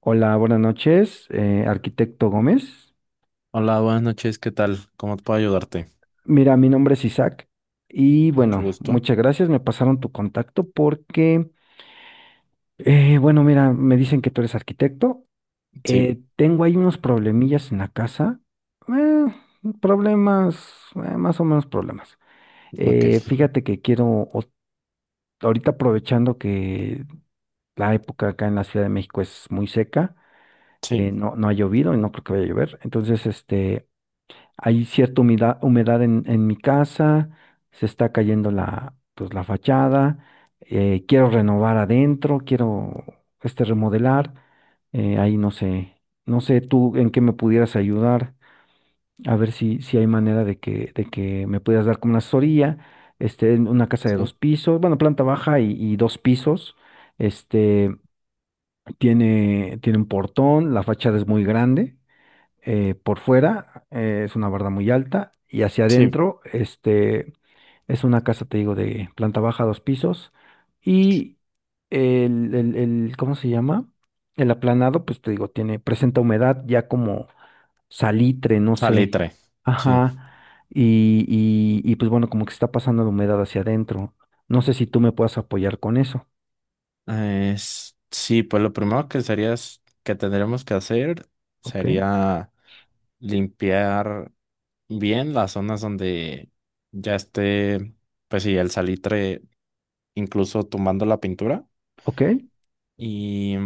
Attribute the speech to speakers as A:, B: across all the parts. A: Hola, buenas noches, arquitecto Gómez.
B: Hola, buenas noches, ¿qué tal? ¿Cómo puedo ayudarte?
A: Mira, mi nombre es Isaac y
B: Mucho
A: bueno,
B: gusto.
A: muchas gracias. Me pasaron tu contacto porque, bueno, mira, me dicen que tú eres arquitecto.
B: Sí,
A: Tengo ahí unos problemillas en la casa. eh, Problemas, más o menos problemas.
B: ok.
A: Fíjate que o- ahorita aprovechando que la época acá en la Ciudad de México es muy seca,
B: Sí,
A: no ha llovido y no creo que vaya a llover. Entonces, hay cierta humedad, humedad en mi casa, se está cayendo la fachada, quiero renovar adentro, quiero remodelar. Ahí no sé, no sé tú en qué me pudieras ayudar, a ver si hay manera de que me pudieras dar como una asesoría, este, en una casa de dos
B: sí,
A: pisos, bueno, planta baja y dos pisos, este, tiene un portón, la fachada es muy grande. Por fuera es una barda muy alta y hacia
B: sí.
A: adentro este, es una casa, te digo, de planta baja, dos pisos y ¿cómo se llama? El aplanado, pues te digo, tiene, presenta humedad ya como salitre, no sé.
B: Salitre. Sí.
A: Ajá. Y pues bueno, como que está pasando la humedad hacia adentro. No sé si tú me puedas apoyar con eso.
B: Pues lo primero que sería que tendríamos que hacer
A: ¿Ok?
B: sería limpiar bien las zonas donde ya esté, pues sí, el salitre, incluso tumbando la pintura.
A: ¿Ok?
B: Y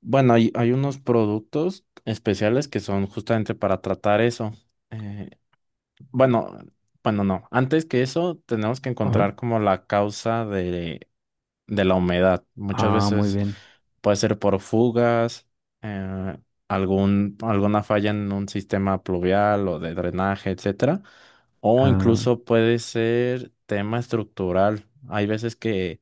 B: bueno, hay unos productos especiales que son justamente para tratar eso. Eh, Bueno, bueno, no. Antes que eso, tenemos que
A: A ver.
B: encontrar como la causa de la humedad. Muchas
A: Ah, muy
B: veces
A: bien.
B: puede ser por fugas, eh, alguna falla en un sistema pluvial o de drenaje, etcétera. O
A: Ah,
B: incluso puede ser tema estructural. Hay veces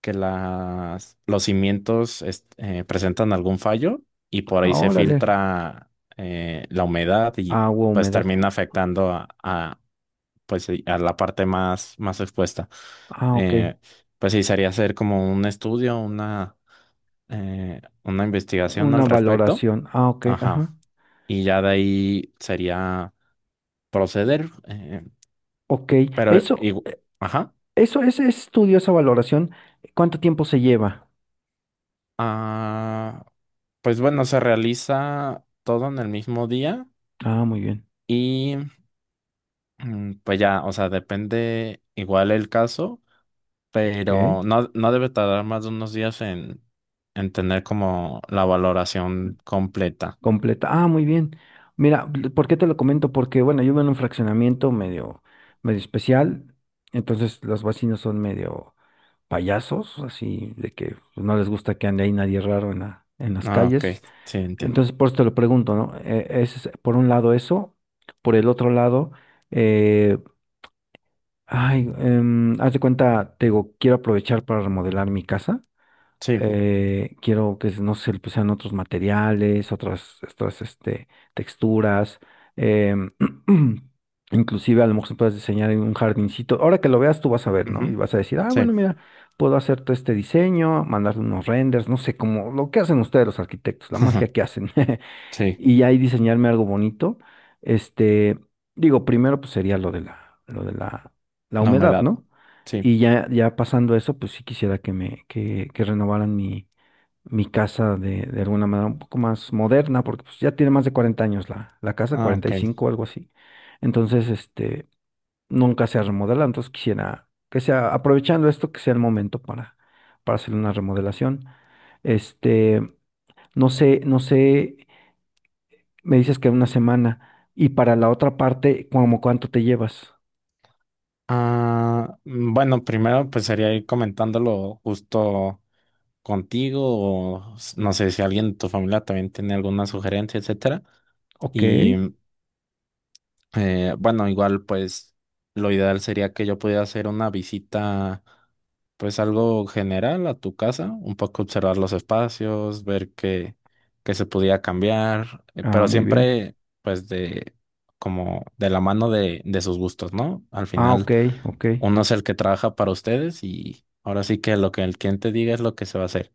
B: que los cimientos presentan algún fallo y por ahí
A: ah,
B: se
A: órale.
B: filtra la humedad y
A: Agua,
B: pues
A: humedad.
B: termina afectando pues sí, a la parte más, más expuesta.
A: Ah, ok.
B: Eh, pues sí, sería hacer como un estudio, una investigación al
A: Una
B: respecto.
A: valoración. Ah, ok,
B: Ajá.
A: ajá.
B: Y ya de ahí sería proceder.
A: Ok.
B: Pero,
A: Eso,
B: igu- ajá.
A: eso, ese estudio, esa valoración, ¿cuánto tiempo se lleva?
B: Ah, pues bueno, se realiza todo en el mismo día
A: Ah, muy bien.
B: y pues ya, o sea, depende igual el caso.
A: Ok.
B: Pero no debe tardar más de unos días en tener como la valoración completa.
A: Completa. Ah, muy bien. Mira, ¿por qué te lo comento? Porque, bueno, yo vivo en un fraccionamiento medio, medio especial. Entonces, los vecinos son medio payasos, así de que pues, no les gusta que ande ahí nadie raro en en las
B: Ah, ok,
A: calles.
B: sí, entiendo.
A: Entonces, por eso te lo pregunto, ¿no? Es, por un lado eso, por el otro lado. eh, Ay, haz de cuenta, te digo, quiero aprovechar para remodelar mi casa.
B: Sí,
A: Quiero que, no sé, le pusieran otros materiales, este, texturas. em, Inclusive a lo mejor se puedes diseñar en un jardincito. Ahora que lo veas, tú vas a ver, ¿no? Y
B: ujú,
A: vas a decir, ah,
B: sí,
A: bueno, mira, puedo hacer todo este diseño, mandarle unos renders, no sé, como lo que hacen ustedes los arquitectos, la magia que hacen.
B: sí,
A: Y ahí diseñarme algo bonito. Este, digo, primero pues sería lo de la
B: la
A: humedad,
B: humedad,
A: ¿no?
B: sí,
A: Y ya, ya pasando eso, pues sí quisiera que que renovaran mi, mi casa de alguna manera un poco más moderna, porque pues ya tiene más de 40 años la, la casa,
B: ah,
A: cuarenta y
B: ok.
A: cinco algo así. Entonces, este, nunca se ha remodelado, entonces quisiera que sea, aprovechando esto, que sea el momento para hacer una remodelación. Este, no sé, no sé, me dices que una semana. Y para la otra parte, ¿como cuánto te llevas?
B: Ah, bueno, primero pues sería ir comentándolo justo contigo no sé si alguien de tu familia también tiene alguna sugerencia, etcétera.
A: Ok.
B: Y bueno, igual pues lo ideal sería que yo pudiera hacer una visita, pues algo general a tu casa, un poco observar los espacios, ver qué se podía cambiar,
A: Ah,
B: pero
A: muy bien.
B: siempre pues de como de la mano de sus gustos, ¿no? Al
A: Ah,
B: final
A: ok, ok.
B: uno es el que trabaja para ustedes y ahora sí que lo que el cliente diga es lo que se va a hacer.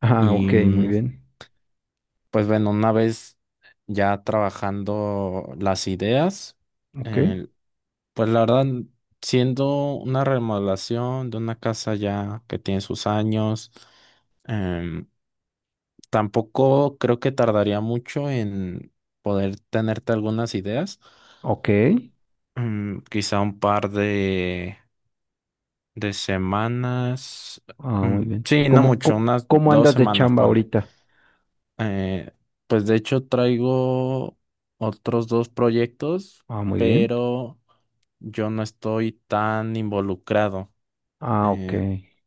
A: Ah,
B: Y
A: ok, muy bien.
B: pues bueno, una vez ya trabajando las ideas,
A: Ok,
B: eh, pues la verdad, siendo una remodelación de una casa ya que tiene sus años, em, tampoco creo que tardaría mucho en poder tenerte algunas ideas.
A: ok.
B: Mm, quizá un par de semanas.
A: Ah, muy
B: Mm,
A: bien.
B: sí, no
A: ¿Cómo,
B: mucho,
A: co-
B: unas
A: cómo
B: dos
A: andas de
B: semanas,
A: chamba
B: ponle.
A: ahorita?
B: Eh, pues de hecho traigo otros dos proyectos,
A: Ah, muy bien.
B: pero yo no estoy tan involucrado.
A: Ah, ok.
B: eh,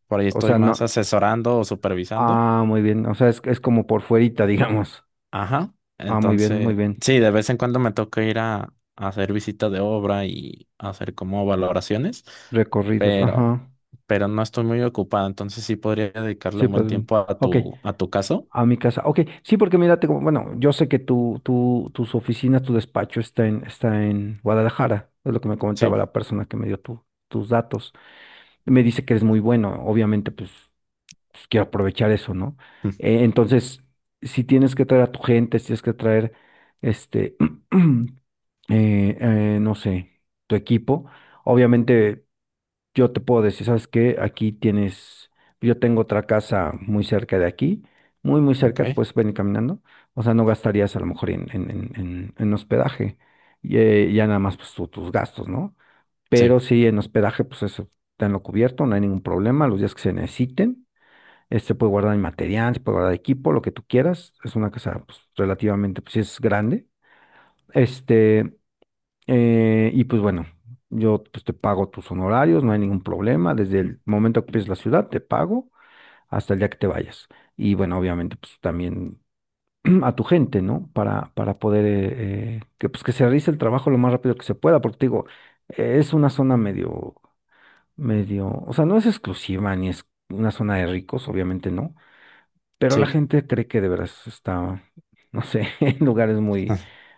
B: por ahí
A: O
B: estoy
A: sea,
B: más
A: no.
B: asesorando o supervisando.
A: Ah, muy bien. O sea, es como por fuerita, digamos.
B: Ajá.
A: Ah, muy bien, muy
B: Entonces,
A: bien.
B: sí, de vez en cuando me toca ir a hacer visitas de obra y hacer como valoraciones,
A: Recorridos.
B: pero,
A: Ajá.
B: pero no estoy muy ocupada, entonces sí podría dedicarle
A: Sí,
B: un
A: pues.
B: buen tiempo
A: Ok.
B: a tu caso.
A: A mi casa. Ok, sí, porque mira, bueno, yo sé que tus oficinas, tu despacho está en, está en Guadalajara, es lo que me
B: Sí.
A: comentaba la persona que me dio tus datos. Me dice que eres muy bueno, obviamente, pues, pues, quiero aprovechar eso, ¿no?
B: Mm,
A: Entonces, si tienes que traer a tu gente, si tienes que traer, este, no sé, tu equipo, obviamente yo te puedo decir, ¿sabes qué? Aquí tienes, yo tengo otra casa muy cerca de aquí, muy, muy
B: Ok.
A: cerca, puedes venir caminando. O sea, no gastarías a lo mejor en hospedaje, y ya nada más pues tus gastos, ¿no?
B: Sí,
A: Pero sí, en hospedaje, pues eso, tenlo cubierto, no hay ningún problema, los días que se necesiten. Este puede guardar el material, se puede guardar equipo, lo que tú quieras. Es una casa pues, relativamente, pues sí es grande. Este, y pues bueno, yo pues, te pago tus honorarios, no hay ningún problema. Desde el momento que pides la ciudad, te pago hasta el día que te vayas. Y bueno, obviamente, pues también a tu gente, ¿no? Para poder que, pues, que se realice el trabajo lo más rápido que se pueda, porque te digo, es una zona medio, medio, o sea, no es exclusiva ni es una zona de ricos, obviamente no, pero la
B: sí.
A: gente cree que de veras está, no sé, en lugares muy,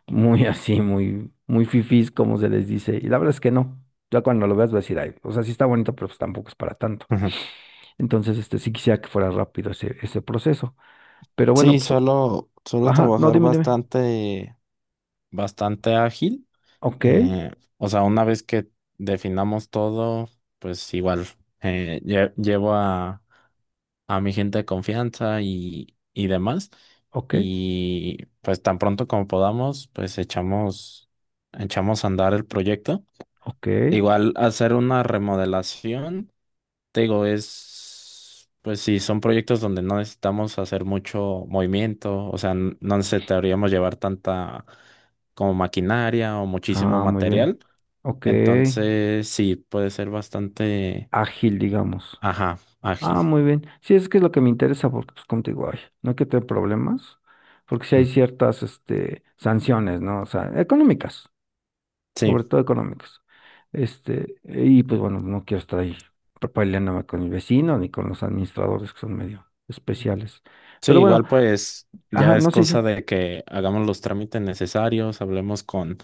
A: muy así, muy, muy fifís, como se les dice. Y la verdad es que no. Ya cuando lo veas vas a decir, ay, o sea, sí está bonito, pero pues tampoco es para tanto. Entonces, este, sí quisiera que fuera rápido ese, ese proceso. Pero bueno,
B: Sí,
A: pues, o-
B: suelo
A: ajá, no,
B: trabajar
A: dime, dime.
B: bastante ágil.
A: Ok,
B: Eh, o sea, una vez que definamos todo, pues igual llevo a mi gente de confianza y demás.
A: ok,
B: Y pues tan pronto como podamos, echamos a andar el proyecto.
A: ok.
B: Igual hacer una remodelación, te digo, es, pues sí, son proyectos donde no necesitamos hacer mucho movimiento, o sea, no necesitaríamos llevar tanta como maquinaria o muchísimo
A: Ah, muy bien.
B: material.
A: Ok.
B: Entonces, sí, puede ser bastante,
A: Ágil, digamos.
B: ajá,
A: Ah,
B: ágil.
A: muy bien. Sí, es que es lo que me interesa, porque pues como te digo, ay, no hay que tener problemas, porque sí hay
B: Mm,
A: ciertas, este, sanciones, ¿no? O sea, económicas,
B: sí,
A: sobre todo económicas. Este, y pues bueno, no quiero estar ahí peleándome con mi vecino ni con los administradores que son medio especiales.
B: sí,
A: Pero bueno,
B: igual pues
A: ajá,
B: ya es
A: no sé
B: cosa
A: si,
B: de que hagamos los trámites necesarios, hablemos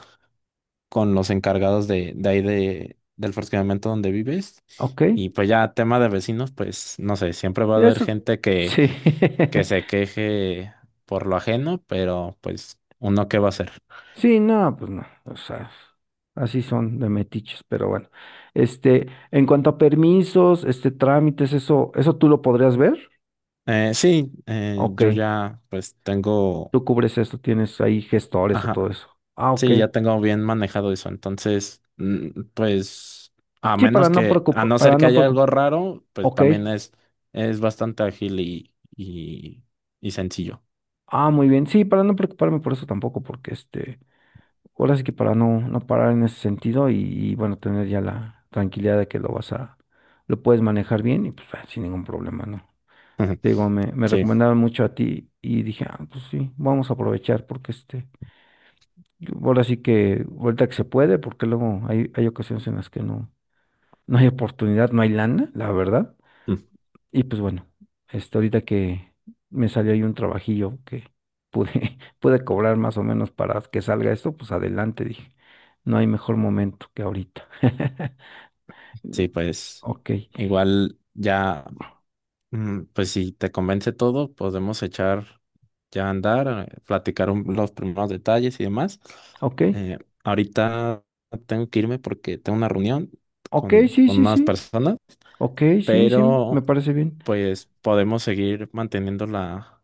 B: con los encargados de ahí del fraccionamiento donde vives.
A: ok,
B: Y pues ya, tema de vecinos, pues no sé, siempre va a haber
A: eso,
B: gente
A: sí,
B: que se queje por lo ajeno, pero pues uno qué va a hacer.
A: sí, no, pues no, o sea, así son de metiches, pero bueno. Este, en cuanto a permisos, este, trámites, eso, ¿eso tú lo podrías ver?
B: Sí,
A: Ok,
B: yo ya pues tengo...
A: tú cubres eso, tienes ahí gestores o
B: Ajá.
A: todo eso. Ah, ok.
B: Sí, ya tengo bien manejado eso. Entonces, pues, a
A: Sí,
B: menos a no ser
A: para
B: que
A: no
B: haya
A: preocupar,
B: algo raro, pues
A: ok.
B: también es bastante ágil y sencillo.
A: Ah, muy bien, sí, para no preocuparme por eso tampoco, porque este, ahora sí que para no parar en ese sentido y, bueno, tener ya la tranquilidad de que lo puedes manejar bien y pues ah, sin ningún problema, ¿no? Te digo, me
B: Sí,
A: recomendaron mucho a ti y dije, ah, pues sí, vamos a aprovechar porque este, ahora sí que, ahorita que se puede, porque luego hay, hay ocasiones en las que no, no hay oportunidad, no hay lana, la verdad.
B: mm,
A: Y pues bueno, este, ahorita que me salió ahí un trabajillo que pude, pude cobrar más o menos para que salga esto, pues adelante, dije, no hay mejor momento que ahorita.
B: sí, pues
A: Ok,
B: igual ya. Mm, pues si te convence todo, podemos echar ya a andar, platicar los primeros detalles y demás.
A: ok,
B: Eh, ahorita tengo que irme porque tengo una reunión
A: ok, sí,
B: con
A: sí,
B: unas
A: sí,
B: personas,
A: ok, sí, sí,
B: pero
A: me parece bien.
B: pues podemos seguir manteniendo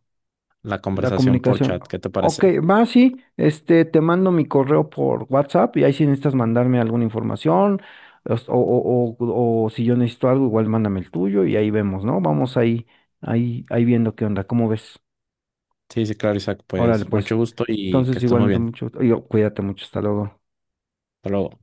B: la
A: La
B: conversación por
A: comunicación.
B: chat. ¿Qué te
A: Ok,
B: parece?
A: va, sí. Este, te mando mi correo por WhatsApp y ahí si necesitas mandarme alguna información o si yo necesito algo, igual mándame el tuyo y ahí vemos, ¿no? Vamos ahí viendo qué onda, ¿cómo ves?
B: Sí, sí, claro, Isaac.
A: Órale,
B: Pues
A: pues.
B: mucho gusto y que
A: Entonces,
B: estés
A: igual
B: muy
A: no te
B: bien.
A: mucho. Yo, cuídate mucho, hasta luego.
B: Hasta luego.